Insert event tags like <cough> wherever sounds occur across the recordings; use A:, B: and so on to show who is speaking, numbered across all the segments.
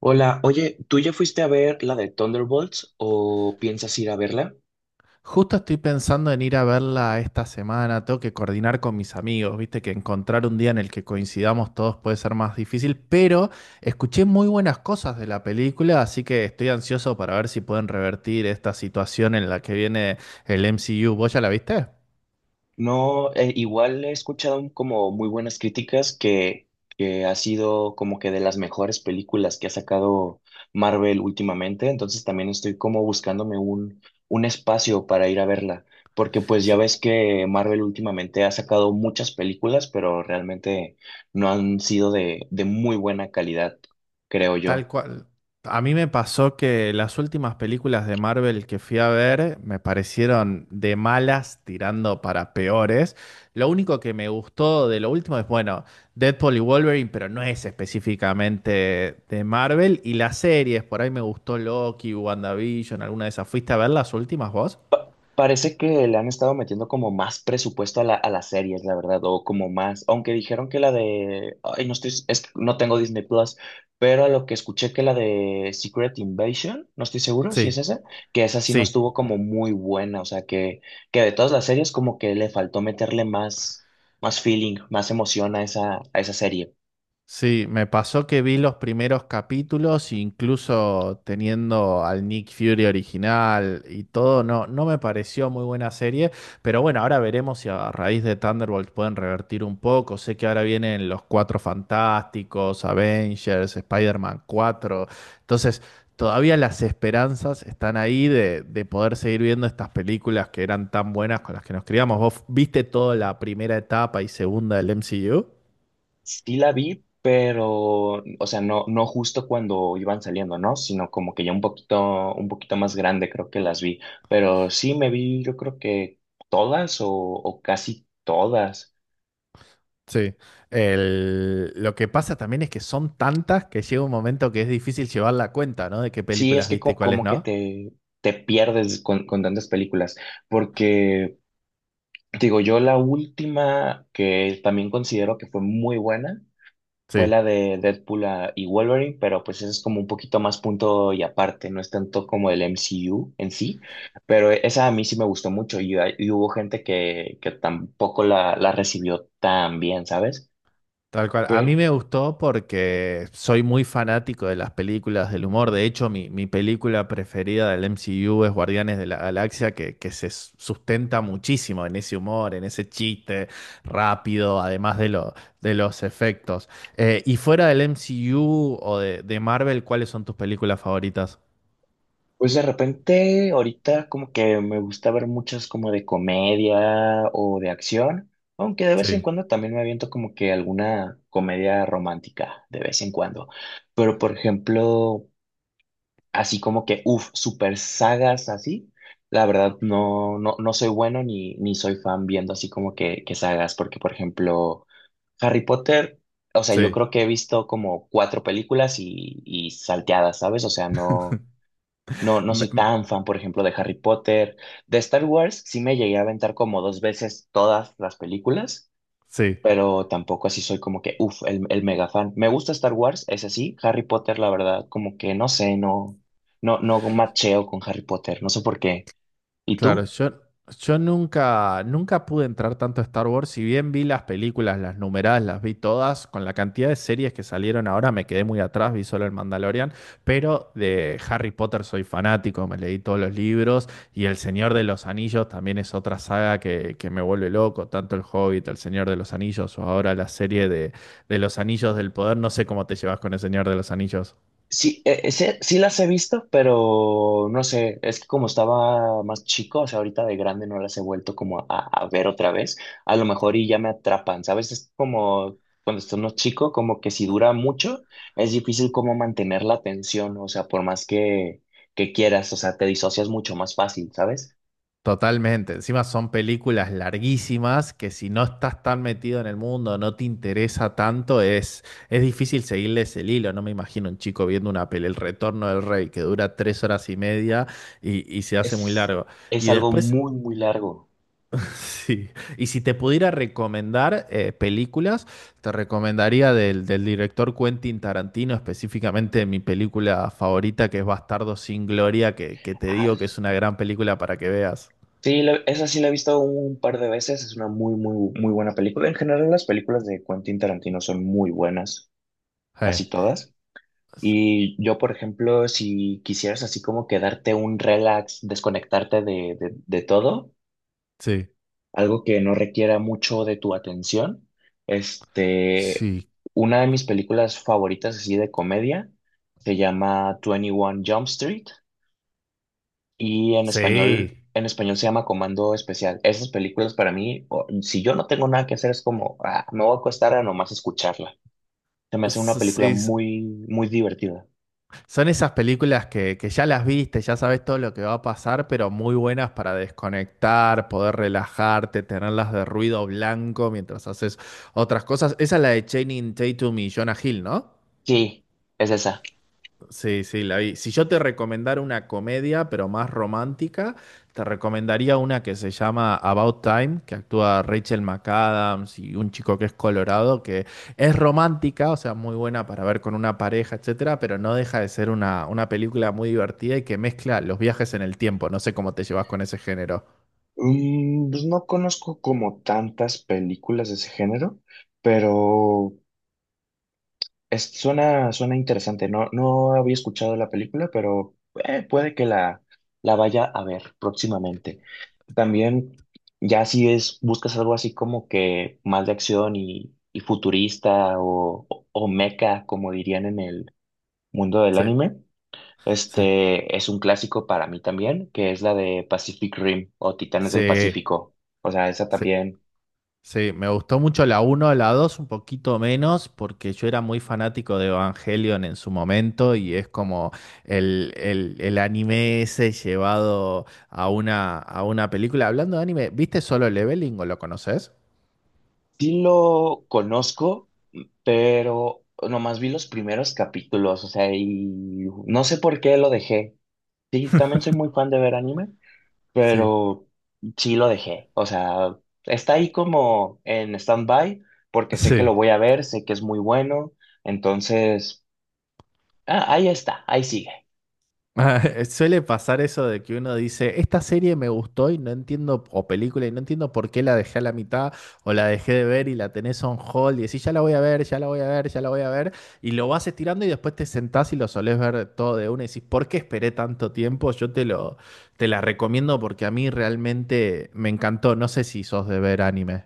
A: Hola, oye, ¿tú ya fuiste a ver la de Thunderbolts o piensas ir a verla?
B: Justo estoy pensando en ir a verla esta semana, tengo que coordinar con mis amigos, viste que encontrar un día en el que coincidamos todos puede ser más difícil, pero escuché muy buenas cosas de la película, así que estoy ansioso para ver si pueden revertir esta situación en la que viene el MCU. ¿Vos ya la viste?
A: No, igual he escuchado como muy buenas críticas que ha sido como que de las mejores películas que ha sacado Marvel últimamente, entonces también estoy como buscándome un espacio para ir a verla, porque pues ya
B: Sí.
A: ves que Marvel últimamente ha sacado muchas películas, pero realmente no han sido de muy buena calidad, creo
B: Tal
A: yo.
B: cual. A mí me pasó que las últimas películas de Marvel que fui a ver me parecieron de malas tirando para peores. Lo único que me gustó de lo último es, bueno, Deadpool y Wolverine, pero no es específicamente de Marvel. Y las series, por ahí me gustó Loki, WandaVision, alguna de esas. ¿Fuiste a ver las últimas vos?
A: Parece que le han estado metiendo como más presupuesto a a las series, la verdad, o como más, aunque dijeron que la de, ay, no estoy, es que no tengo Disney Plus, pero a lo que escuché que la de Secret Invasion, no estoy seguro si es
B: Sí,
A: esa, que esa sí no
B: sí.
A: estuvo como muy buena, o sea, que de todas las series como que le faltó meterle más, más feeling, más emoción a esa serie.
B: Sí, me pasó que vi los primeros capítulos, incluso teniendo al Nick Fury original y todo, no, no me pareció muy buena serie, pero bueno, ahora veremos si a raíz de Thunderbolt pueden revertir un poco. Sé que ahora vienen los Cuatro Fantásticos, Avengers, Spider-Man 4, entonces todavía las esperanzas están ahí de poder seguir viendo estas películas que eran tan buenas con las que nos criamos. ¿Vos viste toda la primera etapa y segunda del MCU?
A: Sí la vi, pero, o sea, no, no justo cuando iban saliendo, ¿no? Sino como que ya un poquito más grande creo que las vi. Pero sí me vi, yo creo que todas o casi todas.
B: Sí. Lo que pasa también es que son tantas que llega un momento que es difícil llevar la cuenta, ¿no? De qué
A: Sí, es
B: películas
A: que
B: viste y cuáles no.
A: te pierdes con tantas películas. Porque, digo, yo la última que también considero que fue muy buena fue
B: Sí,
A: la de Deadpool ah, y Wolverine, pero pues eso es como un poquito más punto y aparte, no es tanto como el MCU en sí, pero esa a mí sí me gustó mucho y y hubo gente que tampoco la recibió tan bien, ¿sabes?
B: tal cual. A mí
A: Pero
B: me gustó porque soy muy fanático de las películas del humor. De hecho, mi película preferida del MCU es Guardianes de la Galaxia, que sustenta muchísimo en ese humor, en ese chiste rápido, además de los efectos. Y fuera del MCU o de Marvel, ¿cuáles son tus películas favoritas?
A: pues de repente ahorita como que me gusta ver muchas como de comedia o de acción, aunque de vez en
B: Sí,
A: cuando también me aviento como que alguna comedia romántica, de vez en cuando. Pero por ejemplo, así como que uff, super sagas así. La verdad, no, no, no soy bueno ni soy fan viendo así como que sagas, porque por ejemplo, Harry Potter, o sea, yo
B: sí.
A: creo que he visto como cuatro películas y salteadas, ¿sabes? O sea, no,
B: <laughs>
A: no, no
B: Me-
A: soy
B: m-
A: tan fan, por ejemplo, de Harry Potter. De Star Wars, sí me llegué a aventar como dos veces todas las películas
B: sí,
A: pero tampoco así soy como que uff, el mega fan. Me gusta Star Wars, es así. Harry Potter, la verdad, como que no sé, no, no, no macheo con Harry Potter, no sé por qué. ¿Y
B: claro,
A: tú?
B: yo nunca pude entrar tanto a Star Wars. Si bien vi las películas, las numeradas, las vi todas, con la cantidad de series que salieron ahora me quedé muy atrás, vi solo el Mandalorian, pero de Harry Potter soy fanático, me leí todos los libros. Y El Señor de los Anillos también es otra saga que me vuelve loco, tanto El Hobbit, El Señor de los Anillos o ahora la serie de Los Anillos del Poder. No sé cómo te llevas con El Señor de los Anillos.
A: Sí, sí, sí las he visto, pero no sé, es que como estaba más chico, o sea, ahorita de grande no las he vuelto como a ver otra vez, a lo mejor y ya me atrapan, ¿sabes? Es como cuando estás más chico, como que si dura mucho, es difícil como mantener la atención, o sea, por más que quieras, o sea, te disocias mucho más fácil, ¿sabes?
B: Totalmente. Encima son películas larguísimas que si no estás tan metido en el mundo, no te interesa tanto, es difícil seguirles el hilo. No me imagino un chico viendo una peli, El Retorno del Rey, que dura tres horas y media y se hace muy
A: Es,
B: largo.
A: es
B: Y
A: algo
B: después,
A: muy, muy largo.
B: <laughs> sí. Y si te pudiera recomendar películas, te recomendaría del director Quentin Tarantino, específicamente mi película favorita, que es Bastardo sin Gloria, que te
A: Ah,
B: digo que es una gran película para que veas.
A: sí, esa sí la he visto un par de veces, es una muy, muy, muy buena película. En general, las películas de Quentin Tarantino son muy buenas,
B: Sí.
A: casi todas. Y yo, por ejemplo, si quisieras así como quedarte un relax, desconectarte de todo,
B: Sí,
A: algo que no requiera mucho de tu atención, este,
B: sí,
A: una de mis películas favoritas así de comedia se llama 21 Jump Street. Y
B: sí.
A: en español se llama Comando Especial. Esas películas para mí, si yo no tengo nada que hacer, es como, ah, me voy a acostar a nomás escucharla. Se me hace una
B: S-
A: película
B: sí, s-
A: muy, muy divertida.
B: Son esas películas que ya las viste, ya sabes todo lo que va a pasar, pero muy buenas para desconectar, poder relajarte, tenerlas de ruido blanco mientras haces otras cosas. Esa es la de Channing Tatum y Jonah Hill, ¿no?
A: Sí, es esa.
B: Sí, sí, la vi. Si yo te recomendara una comedia, pero más romántica, te recomendaría una que se llama About Time, que actúa Rachel McAdams y un chico que es colorado, que es romántica, o sea, muy buena para ver con una pareja, etcétera, pero no deja de ser una película muy divertida y que mezcla los viajes en el tiempo. No sé cómo te llevas con ese género.
A: Mm, pues no conozco como tantas películas de ese género, pero suena, suena interesante. No, no había escuchado la película, pero puede que la vaya a ver próximamente. También, ya si es, buscas algo así como que más de acción y futurista o mecha, como dirían en el mundo del
B: Sí,
A: anime,
B: sí.
A: este es un clásico para mí también, que es la de Pacific Rim o Titanes del
B: Sí,
A: Pacífico. O sea, esa
B: sí.
A: también
B: Sí, me gustó mucho la uno, la 2, un poquito menos, porque yo era muy fanático de Evangelion en su momento y es como el anime ese llevado a a una película. Hablando de anime, ¿viste Solo Leveling o lo conoces?
A: sí lo conozco, pero nomás vi los primeros capítulos, o sea, y no sé por qué lo dejé. Sí, también soy muy fan de ver anime,
B: Sí,
A: pero sí lo dejé. O sea, está ahí como en stand-by porque sé que lo
B: sí.
A: voy a ver, sé que es muy bueno. Entonces, ah, ahí está, ahí sigue.
B: <laughs> Suele pasar eso de que uno dice, esta serie me gustó y no entiendo, o película, y no entiendo por qué la dejé a la mitad, o la dejé de ver y la tenés on hold, y decís, ya la voy a ver, ya la voy a ver, ya la voy a ver, y lo vas estirando y después te sentás y lo solés ver todo de una y decís, ¿por qué esperé tanto tiempo? Te la recomiendo porque a mí realmente me encantó. No sé si sos de ver anime.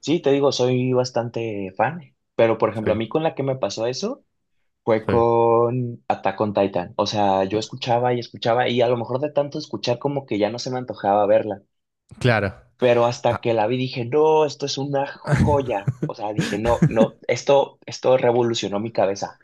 A: Sí, te digo, soy bastante fan, pero por ejemplo, a
B: Sí,
A: mí con la que me pasó eso fue
B: sí.
A: con Attack on Titan. O sea, yo escuchaba y escuchaba y a lo mejor de tanto escuchar como que ya no se me antojaba verla.
B: Claro.
A: Pero hasta que la vi dije, no, esto es una joya. O sea, dije, no, no, esto revolucionó mi cabeza.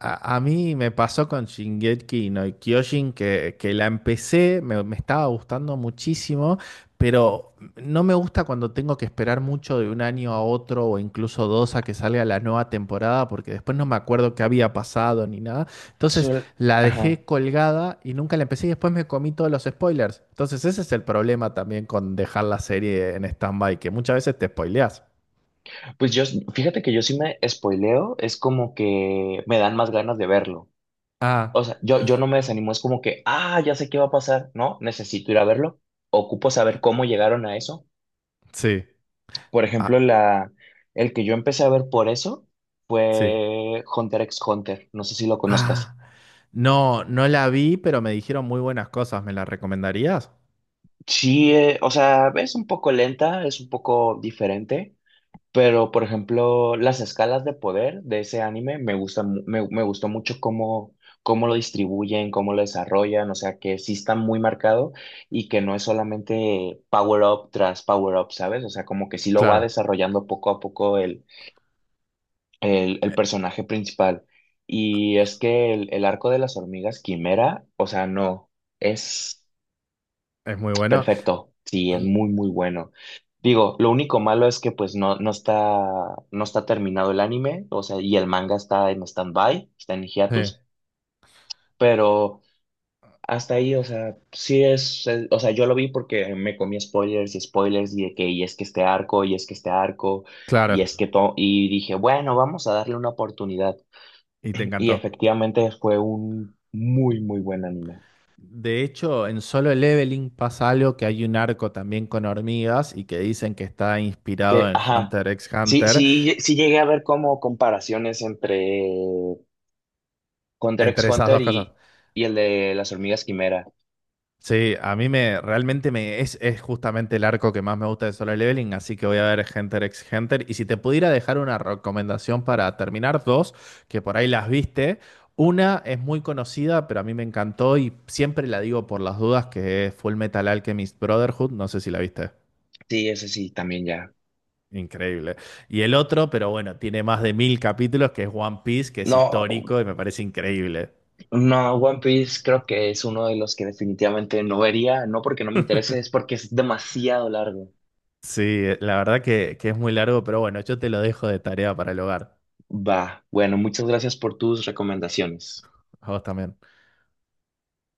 B: A mí me pasó con Shingeki no Kyojin que la empecé, me estaba gustando muchísimo, pero no me gusta cuando tengo que esperar mucho de un año a otro o incluso dos a que salga la nueva temporada, porque después no me acuerdo qué había pasado ni nada. Entonces
A: Suel-
B: la
A: Ajá.
B: dejé colgada y nunca la empecé y después me comí todos los spoilers. Entonces ese es el problema también con dejar la serie en stand-by, que muchas veces te spoileas.
A: Pues yo, fíjate que yo sí me spoileo, es como que me dan más ganas de verlo. O
B: Ah,
A: sea, yo no me desanimo, es como que, ah, ya sé qué va a pasar, ¿no? Necesito ir a verlo. Ocupo saber cómo llegaron a eso.
B: sí.
A: Por ejemplo,
B: Ah,
A: el que yo empecé a ver por eso
B: sí.
A: fue Hunter x Hunter, no sé si lo conozcas.
B: Ah. No, no la vi, pero me dijeron muy buenas cosas. ¿Me la recomendarías?
A: Sí, o sea, es un poco lenta, es un poco diferente. Pero, por ejemplo, las escalas de poder de ese anime me gustan, me gustó mucho cómo lo distribuyen, cómo lo desarrollan, o sea, que sí está muy marcado y que no es solamente power up tras power up, ¿sabes? O sea, como que sí lo va
B: Claro,
A: desarrollando poco a poco el
B: e-
A: personaje principal. Y es que el arco de las hormigas quimera, o sea, no, es.
B: Es muy bueno.
A: Perfecto, sí, es
B: Mm,
A: muy, muy bueno. Digo, lo único malo es que pues no, no está, no está terminado el anime, o sea, y el manga está en stand-by, está en
B: sí,
A: hiatus, pero hasta ahí, o sea, o sea, yo lo vi porque me comí spoilers y spoilers y de que, y es que este arco, y es que este arco, y
B: claro.
A: es que todo, y dije, bueno, vamos a darle una oportunidad.
B: Y te
A: Y
B: encantó.
A: efectivamente fue un muy, muy buen anime.
B: De hecho, en Solo Leveling pasa algo que hay un arco también con hormigas y que dicen que está inspirado
A: Que,
B: en
A: ajá.
B: Hunter x
A: Sí,
B: Hunter.
A: sí, sí llegué a ver como comparaciones entre Hunter x
B: Entre esas
A: Hunter
B: dos cosas.
A: y el de las hormigas quimera.
B: Sí, a mí me es justamente el arco que más me gusta de Solo Leveling, así que voy a ver Hunter x Hunter. Y si te pudiera dejar una recomendación para terminar, dos, que por ahí las viste. Una es muy conocida, pero a mí me encantó y siempre la digo por las dudas, que es Full Metal Alchemist Brotherhood. No sé si la viste.
A: Sí, ese sí, también ya.
B: Increíble. Y el otro, pero bueno, tiene más de mil capítulos, que es One Piece, que es
A: No,
B: histórico y me parece increíble.
A: no, One Piece creo que es uno de los que definitivamente no vería, no porque no me interese, es porque es demasiado largo.
B: Sí, la verdad que es muy largo, pero bueno, yo te lo dejo de tarea para el hogar.
A: Va, bueno, muchas gracias por tus recomendaciones.
B: A vos también.